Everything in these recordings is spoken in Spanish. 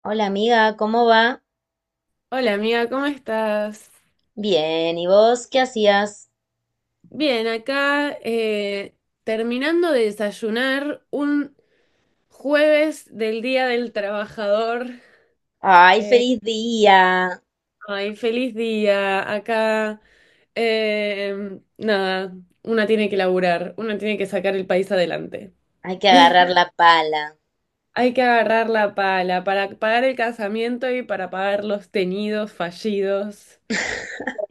Hola amiga, ¿cómo va? Hola amiga, ¿cómo estás? Bien, ¿y vos qué hacías? Bien, acá terminando de desayunar un jueves del Día del Trabajador. ¡Ay, Eh, feliz día! ay, feliz día. Acá, nada, una tiene que laburar, una tiene que sacar el país adelante. Hay que agarrar la pala. Hay que agarrar la pala para pagar el casamiento y para pagar los teñidos fallidos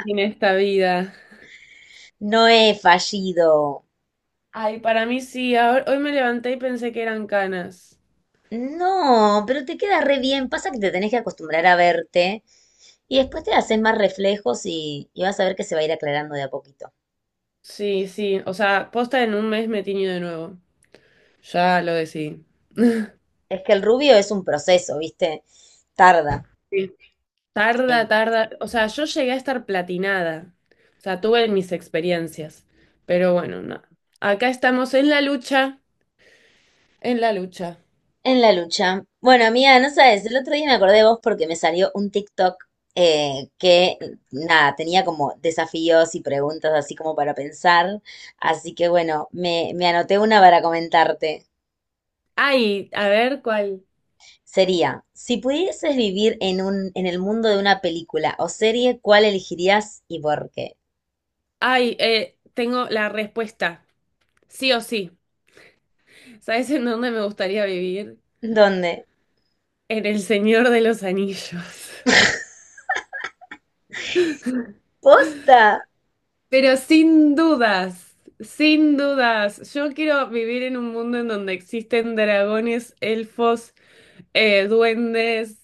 en esta vida. No he fallido. Ay, para mí sí, hoy me levanté y pensé que eran canas. No, pero te queda re bien. Pasa que te tenés que acostumbrar a verte y después te haces más reflejos y vas a ver que se va a ir aclarando de a poquito. Sí, sí, o sea, posta en un mes me tiño de nuevo. Ya lo decidí. Es que el rubio es un proceso, ¿viste? Tarda. Sí. Tarda, tarda. O sea, yo llegué a estar platinada. O sea, tuve mis experiencias. Pero bueno, no. Acá estamos en la lucha. En la lucha. En la lucha. Bueno, amiga, no sabes, el otro día me acordé de vos porque me salió un TikTok eh, que, nada, tenía como desafíos y preguntas así como para pensar. Así que bueno, me anoté una para comentarte. Ay, a ver cuál. Sería, si pudieses vivir en en el mundo de una película o serie, ¿cuál elegirías y por qué? Ay, tengo la respuesta. Sí o sí. ¿Sabes en dónde me gustaría vivir? ¿Dónde? En El Señor de los Anillos. ¡Posta! Pero sin dudas, sin dudas, yo quiero vivir en un mundo en donde existen dragones, elfos, duendes.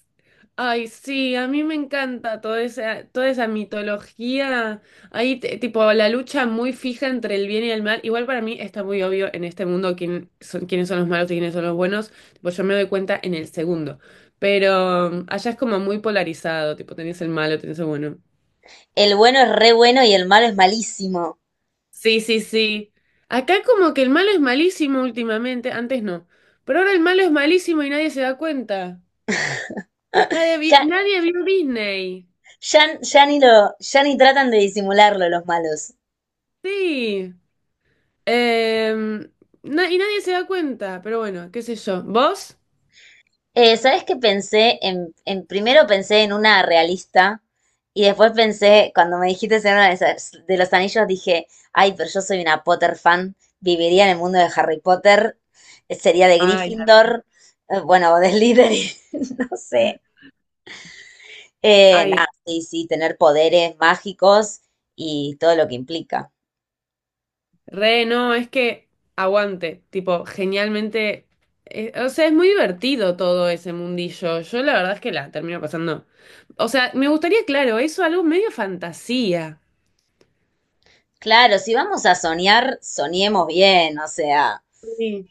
Ay, sí, a mí me encanta toda esa mitología. Ahí, tipo, la lucha muy fija entre el bien y el mal. Igual para mí está muy obvio en este mundo quién son, quiénes son los malos y quiénes son los buenos. Tipo, yo me doy cuenta en el segundo. Pero allá es como muy polarizado, tipo, tenés el malo, tenés el bueno. El bueno es re bueno y el malo es malísimo. Sí, sí, sí. Acá como que el malo es malísimo últimamente, antes no, pero ahora el malo es malísimo y nadie se da cuenta. Nadie, Ya, nadie vio Disney. ya, ya ni lo, ya ni tratan de disimularlo los malos. Sí. Em, y nadie se da cuenta, pero bueno, qué sé yo. ¿Vos? ¿Sabes qué pensé? Primero pensé en una realista y después pensé, cuando me dijiste en una de, esas- de los anillos, dije, ay, pero yo soy una Potter fan, viviría en el mundo de Harry Potter, sería de Ay, Gryffindor, bueno, o de Slytherin, no sé. Ay, Nada, sí, sí, tener poderes mágicos y todo lo que implica. re, no, es que aguante, tipo, genialmente, o sea, es muy divertido todo ese mundillo. Yo la verdad es que la termino pasando. O sea, me gustaría, claro, eso algo medio fantasía. Claro, si vamos a soñar, soñemos bien, o sea, Sí.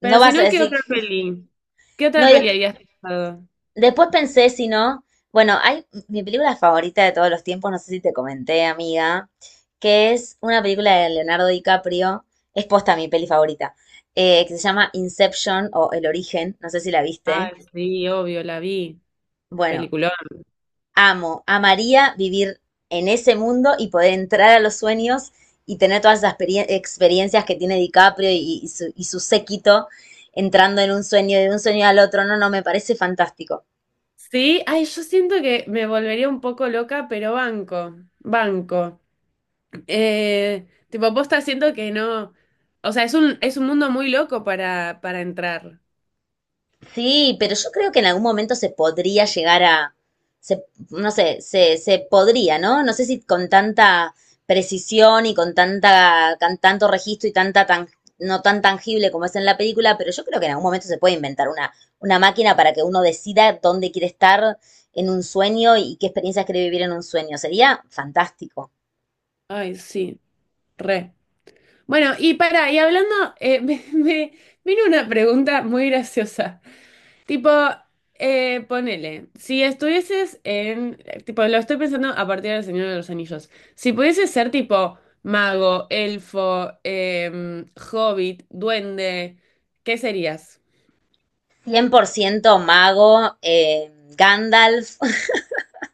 no Pero si vas a no, ¿qué decir. otra peli? ¿Qué No, otra peli habías pensado? después pensé, si no, bueno, hay mi película favorita de todos los tiempos, no sé si te comenté, amiga, que es una película de Leonardo DiCaprio, es posta mi peli favorita, que se llama Inception o El Origen, no sé si la Ah, viste. sí, obvio, la vi. Bueno, Peliculón. amo, amaría vivir en ese mundo y poder entrar a los sueños y tener todas esas experiencias que tiene DiCaprio y su séquito entrando en un sueño, de un sueño al otro, no, no, me parece fantástico. Sí, ay, yo siento que me volvería un poco loca, pero banco, banco. Tipo, posta siento que no. O sea, es un mundo muy loco para entrar. Sí, pero yo creo que en algún momento se podría llegar a, se- no sé, se podría, ¿no? No sé si con tanta precisión y con tanta, con tanto registro y tanta tan, no tan tangible como es en la película, pero yo creo que en algún momento se puede inventar una máquina para que uno decida dónde quiere estar en un sueño y qué experiencias quiere vivir en un sueño. Sería fantástico. Ay, sí, re. Bueno, y para, y hablando, me vino una pregunta muy graciosa. Tipo, ponele, si estuvieses en, tipo, lo estoy pensando a partir del Señor de los Anillos, si pudieses ser tipo mago, elfo, hobbit, duende, ¿qué serías? 100% mago, Gandalf.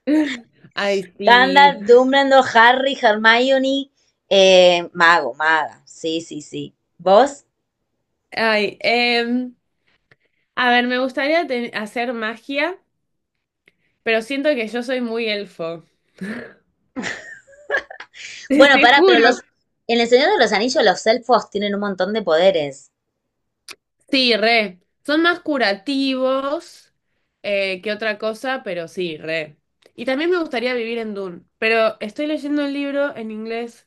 Ay, sí. Gandalf, Dumbledore, Harry, Hermione, mago, maga. Sí, sí, sí. ¿Vos? Ay, a ver, me gustaría hacer magia, pero siento que yo soy muy elfo. Bueno, Te pará, pero los juro. en El Señor de los Anillos los elfos tienen un montón de poderes. Sí, re. Son más curativos que otra cosa, pero sí, re. Y también me gustaría vivir en Dune, pero estoy leyendo el libro en inglés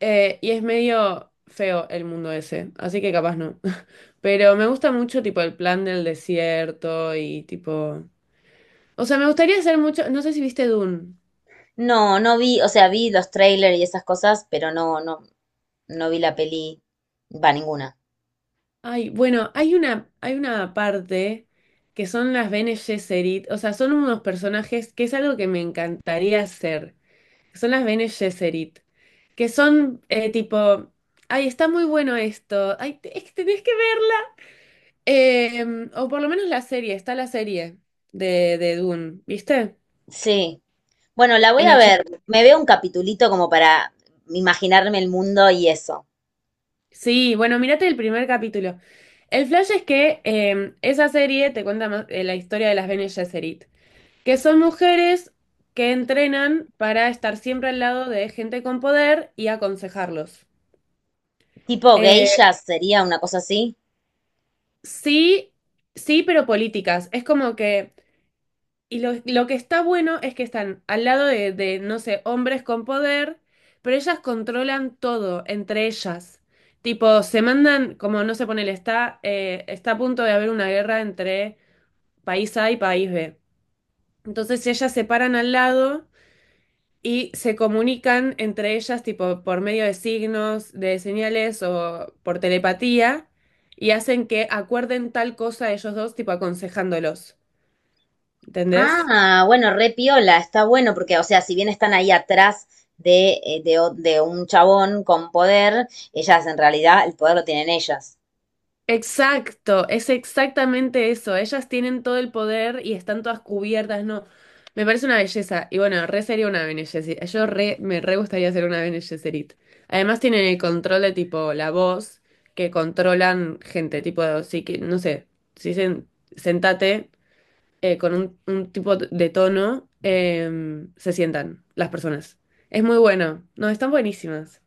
y es medio feo el mundo ese, así que capaz no. Pero me gusta mucho tipo el plan del desierto y tipo... O sea, me gustaría hacer mucho... No sé si viste Dune. No, no vi, o sea, vi los trailers y esas cosas, pero no, no, no vi la peli, va, ninguna. Ay, bueno, hay una parte que son las Bene Gesserit, o sea, son unos personajes que es algo que me encantaría hacer. Son las Bene Gesserit, que son tipo, ay, está muy bueno esto, ay, es que tenés que verla. O por lo menos la serie, está la serie de Dune, ¿viste? Sí. Bueno, la voy En a ver. HBO. Me veo un capitulito como para imaginarme el mundo y eso. Sí, bueno, mírate el primer capítulo. El flash es que esa serie te cuenta más, la historia de las Bene Gesserit, que son mujeres que entrenan para estar siempre al lado de gente con poder y aconsejarlos. Tipo Eh, geisha sería una cosa así. sí, sí, pero políticas. Es como que y lo que está bueno es que están al lado de, no sé, hombres con poder, pero ellas controlan todo entre ellas. Tipo, se mandan, como no se pone el está, está a punto de haber una guerra entre país A y país B. Entonces ellas se paran al lado y se comunican entre ellas, tipo, por medio de signos, de señales o por telepatía, y hacen que acuerden tal cosa ellos dos, tipo, aconsejándolos. ¿Entendés? Ah, bueno, re piola, está bueno porque, o sea, si bien están ahí atrás de, o- de un chabón con poder, ellas en realidad el poder lo tienen ellas. Exacto, es exactamente eso. Ellas tienen todo el poder y están todas cubiertas, ¿no? Me parece una belleza. Y bueno, re sería una Bene Gesserit. Yo re, me re gustaría ser una Bene Gesserit. Además tienen el control de tipo la voz, que controlan gente, tipo, sí que, no sé, si dicen sentate con un tipo de tono, se sientan las personas. Es muy bueno. No, están buenísimas.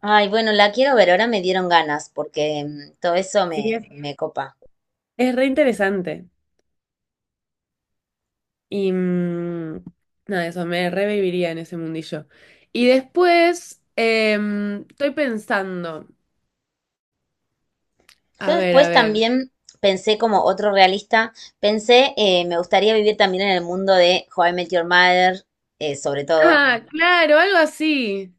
Ay, bueno, la quiero ver, ahora me dieron ganas porque mm, todo eso Sí, me copa. es re interesante. Y nada, eso me reviviría en ese mundillo. Y después, estoy pensando, a Yo ver, a después ver. también pensé como otro realista, pensé, me gustaría vivir también en el mundo de How I Met Your Mother, sobre todo, Ah, claro, algo así.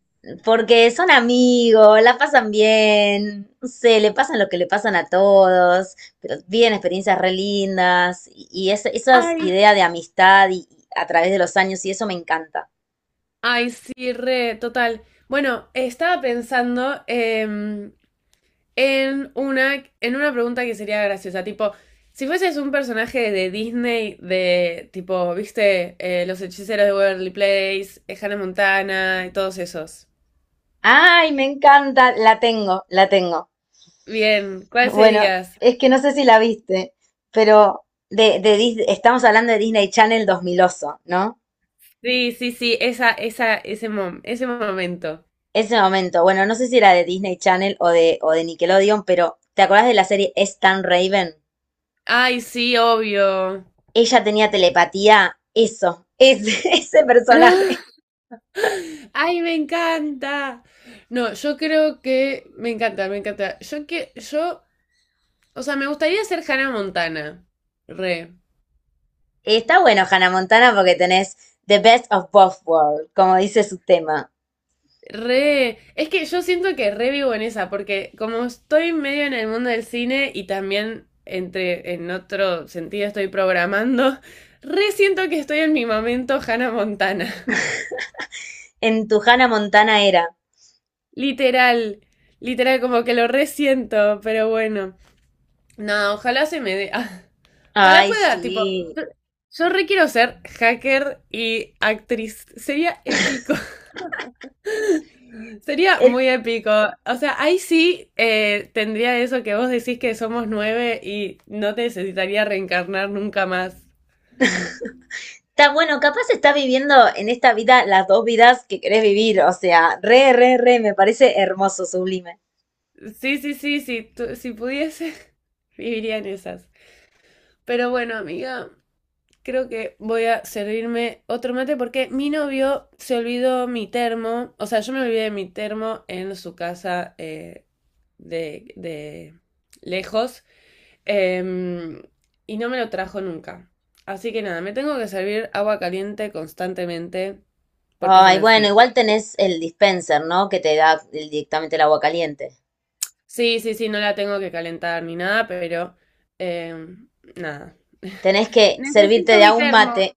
porque son amigos, la pasan bien, no sé, le pasan lo que le pasan a todos, pero viven experiencias re lindas y esas Ay, ideas de amistad y a través de los años y eso me encanta. ay, sí, re, total. Bueno, estaba pensando en una pregunta que sería graciosa, tipo, si fueses un personaje de Disney, de tipo, viste, Los Hechiceros de Waverly Place, Hannah Montana y todos esos. Ay, me encanta, la tengo, la tengo. Bien, ¿cuál Bueno, serías? es que no sé si la viste, pero estamos hablando de Disney Channel 2000 oso, ¿no? Sí, sí, sí, esa, ese momento. Ese momento, bueno, no sé si era de Disney Channel o de Nickelodeon, pero ¿te acordás de la serie Es tan Raven? Ay, sí, obvio. Ella tenía telepatía, eso, es, ese personaje. Ay, me encanta. No, yo creo que me encanta, me encanta. Yo que, yo, o sea, me gustaría ser Hannah Montana. Re, Está bueno Hannah Montana porque tenés The Best of Both Worlds, como dice su tema. re. Es que yo siento que re vivo en esa, porque como estoy medio en el mundo del cine y también entre, en otro sentido estoy programando, re siento que estoy en mi momento Hannah Montana. En tu Hannah Montana era. Literal, literal, como que lo resiento, pero bueno. No, ojalá se me dé. Ah, ojalá Ay, pueda, tipo, sí. yo re quiero ser hacker y actriz. Sería épico. Sería Eh, muy épico. O sea, ahí sí tendría eso que vos decís que somos nueve y no te necesitaría reencarnar nunca más. está bueno, capaz está viviendo en esta vida las dos vidas que querés vivir. O sea, re, re, re, me parece hermoso, sublime. Sí, sí, sí, sí, si pudiese, viviría en esas. Pero bueno, amiga. Creo que voy a servirme otro mate porque mi novio se olvidó mi termo. O sea, yo me olvidé de mi termo en su casa de lejos. em, y no me lo trajo nunca. Así que nada, me tengo que servir agua caliente constantemente porque se me Ay, bueno, enfría. igual tenés el dispenser, ¿no? Que te da el- directamente el agua caliente. Sí, sí, sí, no la tengo que calentar ni nada, pero em, nada. Tenés que servirte Necesito de a mi un termo. mate,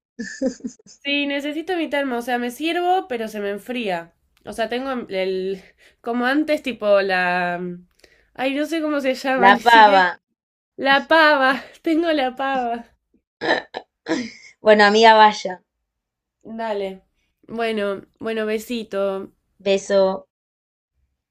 Sí, necesito evitarme, o sea, me sirvo, pero se me enfría. O sea, tengo como antes, tipo la... Ay, no sé cómo se llama, la ni pava. siquiera... La pava, tengo la pava. Bueno, amiga, vaya. Dale. Bueno, bueno, besito. Beso.